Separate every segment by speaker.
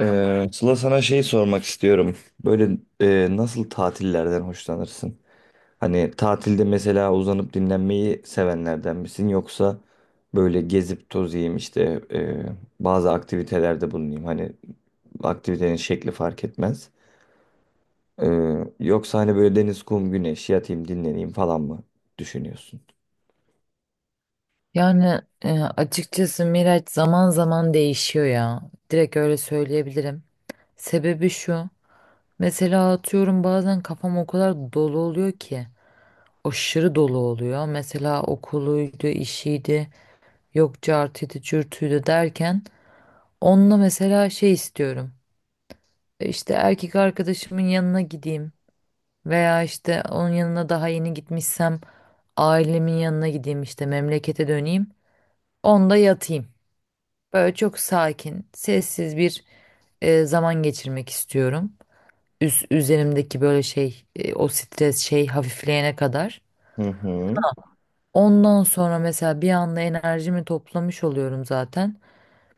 Speaker 1: Sıla sana şey sormak istiyorum. Böyle nasıl tatillerden hoşlanırsın? Hani tatilde mesela uzanıp dinlenmeyi sevenlerden misin? Yoksa böyle gezip tozayım işte e, bazı aktivitelerde bulunayım. Hani aktivitenin şekli fark etmez. Yoksa hani böyle deniz, kum, güneş yatayım dinleneyim falan mı düşünüyorsun?
Speaker 2: Yani açıkçası Miraç zaman zaman değişiyor ya. Direkt öyle söyleyebilirim. Sebebi şu. Mesela atıyorum bazen kafam o kadar dolu oluyor ki. Aşırı dolu oluyor. Mesela okuluydu, işiydi, yok cartıydı, cürtüydü derken. Onunla mesela şey istiyorum. İşte erkek arkadaşımın yanına gideyim. Veya işte onun yanına daha yeni gitmişsem ailemin yanına gideyim, işte memlekete döneyim. Onda yatayım. Böyle çok sakin, sessiz bir zaman geçirmek istiyorum. Üzerimdeki böyle şey, o stres şey hafifleyene kadar.
Speaker 1: Hı hı.
Speaker 2: Ondan sonra mesela bir anda enerjimi toplamış oluyorum zaten.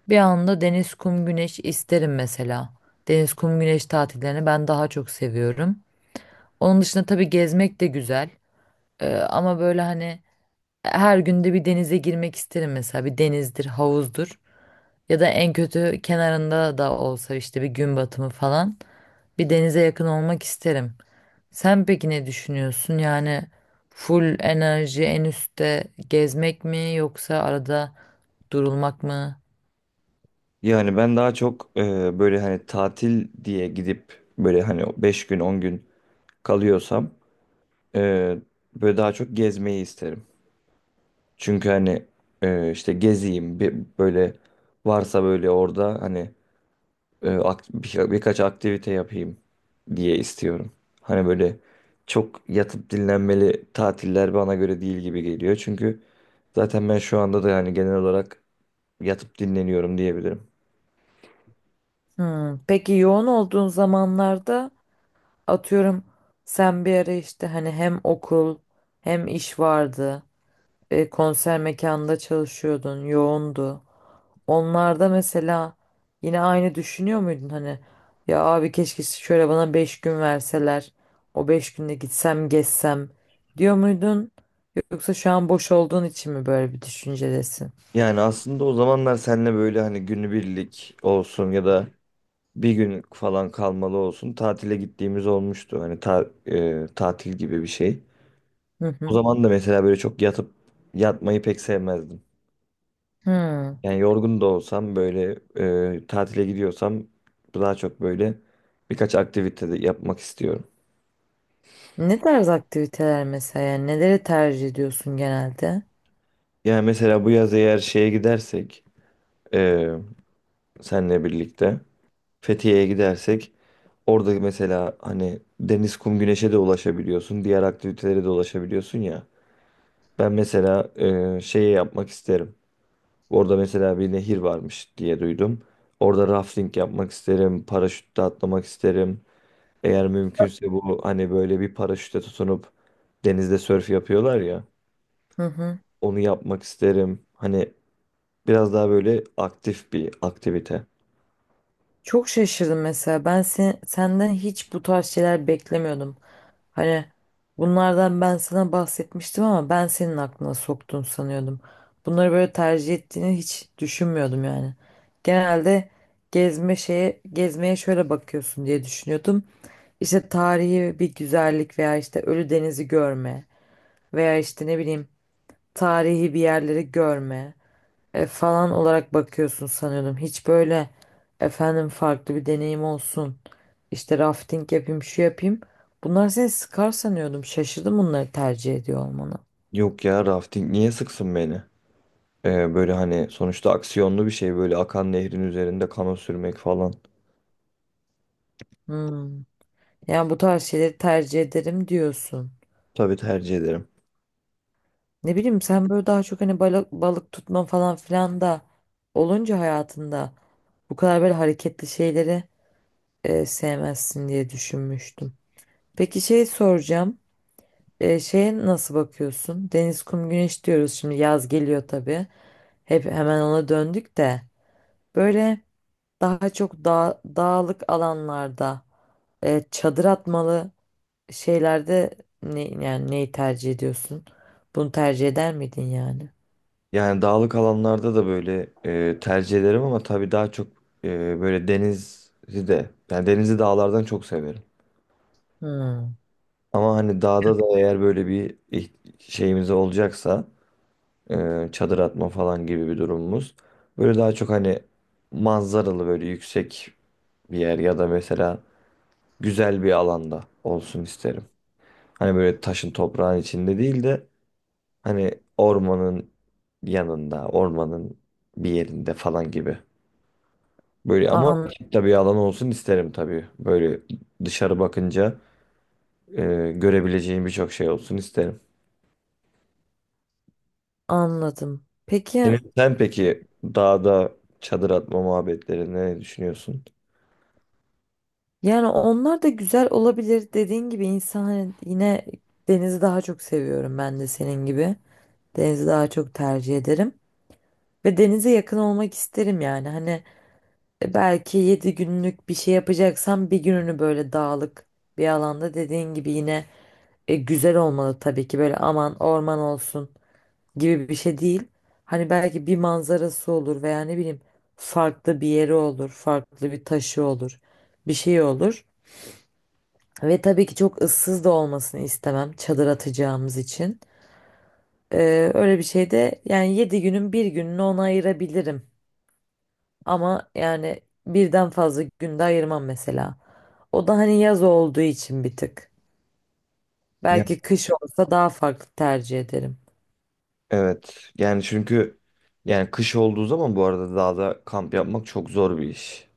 Speaker 2: Bir anda deniz, kum, güneş isterim mesela. Deniz, kum, güneş tatillerini ben daha çok seviyorum. Onun dışında tabii gezmek de güzel. Ama böyle hani her günde bir denize girmek isterim mesela. Bir denizdir, havuzdur. Ya da en kötü kenarında da olsa, işte bir gün batımı falan, bir denize yakın olmak isterim. Sen peki ne düşünüyorsun? Yani full enerji en üstte gezmek mi, yoksa arada durulmak mı?
Speaker 1: Yani ben daha çok böyle hani tatil diye gidip böyle hani 5 gün 10 gün kalıyorsam Ee, böyle daha çok gezmeyi isterim. Çünkü hani işte gezeyim bir, böyle varsa böyle orada hani birkaç aktivite yapayım diye istiyorum. Hani böyle çok yatıp dinlenmeli tatiller bana göre değil gibi geliyor. Çünkü zaten ben şu anda da yani genel olarak yatıp dinleniyorum diyebilirim.
Speaker 2: Hmm, peki yoğun olduğun zamanlarda, atıyorum, sen bir ara işte hani hem okul hem iş vardı. Konser mekanında çalışıyordun, yoğundu. Onlarda mesela yine aynı düşünüyor muydun? Hani ya abi, keşke şöyle bana 5 gün verseler, o 5 günde gitsem gezsem, diyor muydun, yoksa şu an boş olduğun için mi böyle bir düşüncedesin?
Speaker 1: Yani aslında o zamanlar seninle böyle hani günübirlik olsun ya da bir gün falan kalmalı olsun. Tatile gittiğimiz olmuştu. Hani tatil gibi bir şey.
Speaker 2: Hı
Speaker 1: O
Speaker 2: hı.
Speaker 1: zaman da mesela böyle çok yatıp yatmayı pek sevmezdim.
Speaker 2: Hmm.
Speaker 1: Yani yorgun da olsam böyle tatile gidiyorsam daha çok böyle birkaç aktivite de yapmak istiyorum.
Speaker 2: Ne tarz aktiviteler mesela, yani neleri tercih ediyorsun genelde?
Speaker 1: Yani mesela bu yaz eğer şeye gidersek e, senle birlikte Fethiye'ye gidersek orada mesela hani deniz, kum, güneşe de ulaşabiliyorsun. Diğer aktivitelere de ulaşabiliyorsun ya. Ben mesela şeyi yapmak isterim. Orada mesela bir nehir varmış diye duydum. Orada rafting yapmak isterim, paraşütle atlamak isterim. Eğer mümkünse bu hani böyle bir paraşüte tutunup denizde sörf yapıyorlar ya,
Speaker 2: Hı hı.
Speaker 1: onu yapmak isterim. Hani biraz daha böyle aktif bir aktivite.
Speaker 2: Çok şaşırdım mesela. Senden hiç bu tarz şeyler beklemiyordum. Hani bunlardan ben sana bahsetmiştim ama ben senin aklına soktun sanıyordum. Bunları böyle tercih ettiğini hiç düşünmüyordum yani. Genelde gezme şeye, gezmeye şöyle bakıyorsun diye düşünüyordum. İşte tarihi bir güzellik veya işte Ölüdeniz'i görme veya işte ne bileyim tarihi bir yerleri görme falan olarak bakıyorsun sanıyordum. Hiç böyle, efendim, farklı bir deneyim olsun, İşte rafting yapayım, şu yapayım. Bunlar seni sıkar sanıyordum. Şaşırdım bunları tercih ediyor olmana.
Speaker 1: Yok ya rafting niye sıksın beni? Böyle hani sonuçta aksiyonlu bir şey böyle akan nehrin üzerinde kano sürmek falan.
Speaker 2: Hmm. Yani bu tarz şeyleri tercih ederim diyorsun.
Speaker 1: Tabii tercih ederim.
Speaker 2: Ne bileyim, sen böyle daha çok hani balık tutma falan filan da olunca hayatında bu kadar böyle hareketli şeyleri sevmezsin diye düşünmüştüm. Peki şey soracağım. Şeye nasıl bakıyorsun? Deniz, kum, güneş diyoruz, şimdi yaz geliyor tabii. Hep hemen ona döndük de, böyle daha çok dağlık alanlarda çadır atmalı şeylerde, ne, yani neyi tercih ediyorsun? Bunu tercih eder miydin yani?
Speaker 1: Yani dağlık alanlarda da böyle tercih ederim ama tabii daha çok böyle denizi de yani denizi dağlardan çok severim.
Speaker 2: Hmm.
Speaker 1: Ama hani dağda da eğer böyle bir şeyimiz olacaksa çadır atma falan gibi bir durumumuz böyle daha çok hani manzaralı böyle yüksek bir yer ya da mesela güzel bir alanda olsun isterim. Hani böyle taşın toprağın içinde değil de hani ormanın yanında, ormanın bir yerinde falan gibi. Böyle ama
Speaker 2: An,
Speaker 1: tabii bir alan olsun isterim tabii. Böyle dışarı bakınca görebileceğim birçok şey olsun isterim.
Speaker 2: Anladım. Peki
Speaker 1: Sen peki dağda çadır atma muhabbetleri ne düşünüyorsun?
Speaker 2: yani onlar da güzel olabilir. Dediğin gibi, insan hani yine, denizi daha çok seviyorum ben de senin gibi. Denizi daha çok tercih ederim. Ve denize yakın olmak isterim yani. Hani belki 7 günlük bir şey yapacaksam, bir gününü böyle dağlık bir alanda dediğin gibi, yine güzel olmalı tabii ki. Böyle aman orman olsun gibi bir şey değil. Hani belki bir manzarası olur veya ne bileyim farklı bir yeri olur, farklı bir taşı olur, bir şey olur. Ve tabii ki çok ıssız da olmasını istemem, çadır atacağımız için. Öyle bir şey de, yani 7 günün bir gününü ona ayırabilirim, ama yani birden fazla günde ayırmam mesela. O da hani yaz olduğu için bir tık.
Speaker 1: Ya.
Speaker 2: Belki kış olsa daha farklı tercih ederim.
Speaker 1: Evet. Yani çünkü yani kış olduğu zaman bu arada dağda kamp yapmak çok zor bir iş.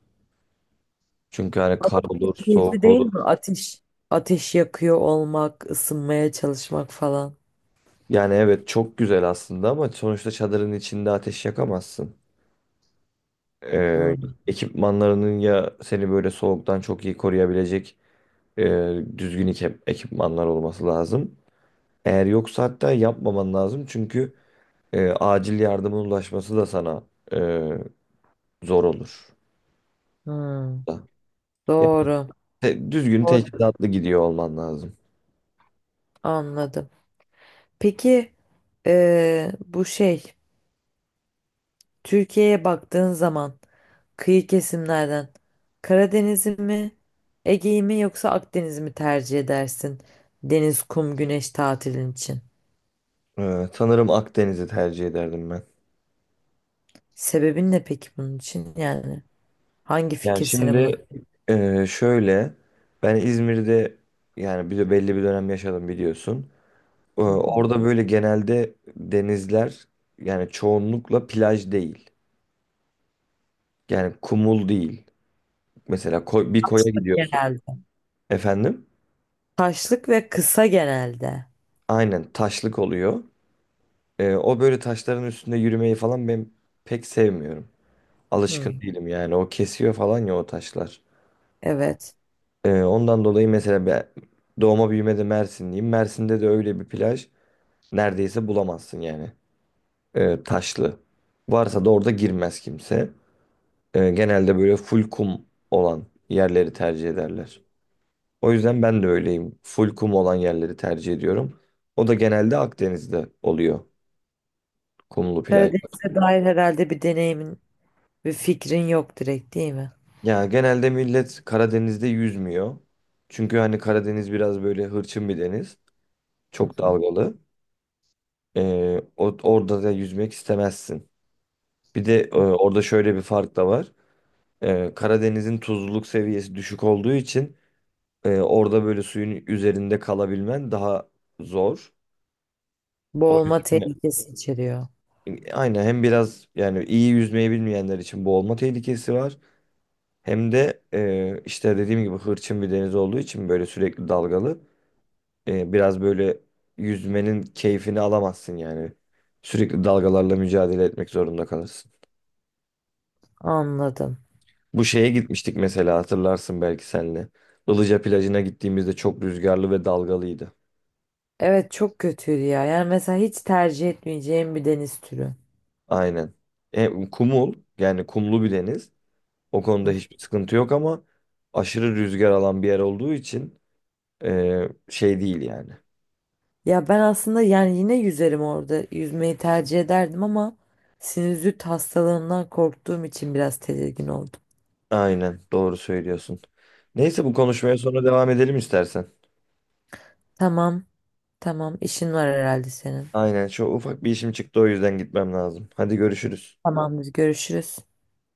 Speaker 1: Çünkü hani kar olur,
Speaker 2: Keyifli
Speaker 1: soğuk
Speaker 2: değil
Speaker 1: olur.
Speaker 2: mi? Ateş yakıyor olmak, ısınmaya çalışmak falan.
Speaker 1: Yani evet çok güzel aslında ama sonuçta çadırın içinde ateş yakamazsın. E,
Speaker 2: Hmm,
Speaker 1: ekipmanlarının ya seni böyle soğuktan çok iyi koruyabilecek e, düzgün ekipmanlar olması lazım. Eğer yoksa hatta yapmaman lazım çünkü acil yardımın ulaşması da sana e, zor olur.
Speaker 2: hmm.
Speaker 1: Da. Yani
Speaker 2: Doğru.
Speaker 1: düzgün
Speaker 2: Doğru.
Speaker 1: teçhizatlı gidiyor olman lazım.
Speaker 2: Anladım. Peki bu şey, Türkiye'ye baktığın zaman, kıyı kesimlerden, Karadeniz'i mi, Ege'yi mi, yoksa Akdeniz'i mi tercih edersin? Deniz, kum, güneş tatilin için.
Speaker 1: Sanırım Akdeniz'i tercih ederdim ben.
Speaker 2: Sebebin ne peki bunun için? Yani hangi
Speaker 1: Yani
Speaker 2: fikir seni buna...
Speaker 1: şimdi şöyle ben İzmir'de yani bir de belli bir dönem yaşadım biliyorsun. E,
Speaker 2: Hı hı.
Speaker 1: orada böyle genelde denizler yani çoğunlukla plaj değil. Yani kumul değil. Mesela bir koya
Speaker 2: Taşlık
Speaker 1: gidiyorsun
Speaker 2: genelde.
Speaker 1: efendim.
Speaker 2: Taşlık ve kısa genelde.
Speaker 1: Aynen taşlık oluyor. O böyle taşların üstünde yürümeyi falan ben pek sevmiyorum. Alışkın
Speaker 2: Hı.
Speaker 1: değilim yani. O kesiyor falan ya o taşlar.
Speaker 2: Evet.
Speaker 1: Ondan dolayı mesela ben doğma büyümede Mersinliyim. Mersin'de de öyle bir plaj neredeyse bulamazsın yani. Taşlı. Varsa da orada girmez kimse. Genelde böyle full kum olan yerleri tercih ederler. O yüzden ben de öyleyim. Full kum olan yerleri tercih ediyorum. O da genelde Akdeniz'de oluyor kumlu plajlar.
Speaker 2: Karadeniz'e dair herhalde bir deneyimin ve fikrin yok direkt, değil mi?
Speaker 1: Ya genelde millet Karadeniz'de yüzmüyor. Çünkü hani Karadeniz biraz böyle hırçın bir deniz.
Speaker 2: Hı
Speaker 1: Çok
Speaker 2: hı.
Speaker 1: dalgalı. Orada da yüzmek istemezsin. Bir de
Speaker 2: Hı.
Speaker 1: orada şöyle bir fark da var. Karadeniz'in tuzluluk seviyesi düşük olduğu için orada böyle suyun üzerinde kalabilmen daha zor. O
Speaker 2: Boğulma
Speaker 1: yüzden
Speaker 2: tehlikesi içeriyor.
Speaker 1: aynen hem biraz yani iyi yüzmeyi bilmeyenler için boğulma tehlikesi var. Hem de işte dediğim gibi hırçın bir deniz olduğu için böyle sürekli dalgalı. Biraz böyle yüzmenin keyfini alamazsın yani. Sürekli dalgalarla mücadele etmek zorunda kalırsın.
Speaker 2: Anladım.
Speaker 1: Bu şeye gitmiştik mesela hatırlarsın belki senle. Ilıca plajına gittiğimizde çok rüzgarlı ve dalgalıydı.
Speaker 2: Evet, çok kötüydü ya. Yani mesela hiç tercih etmeyeceğim bir deniz türü.
Speaker 1: Aynen. Kumul yani kumlu bir deniz. O konuda
Speaker 2: Hı.
Speaker 1: hiçbir sıkıntı yok ama aşırı rüzgar alan bir yer olduğu için şey değil yani.
Speaker 2: Ya ben aslında yani yine yüzerim orada. Yüzmeyi tercih ederdim ama sinüzit hastalığından korktuğum için biraz tedirgin oldum.
Speaker 1: Aynen doğru söylüyorsun. Neyse bu konuşmaya sonra devam edelim istersen.
Speaker 2: Tamam, tamam. işin var herhalde senin.
Speaker 1: Aynen şu ufak bir işim çıktı o yüzden gitmem lazım. Hadi görüşürüz.
Speaker 2: Tamamdır, görüşürüz.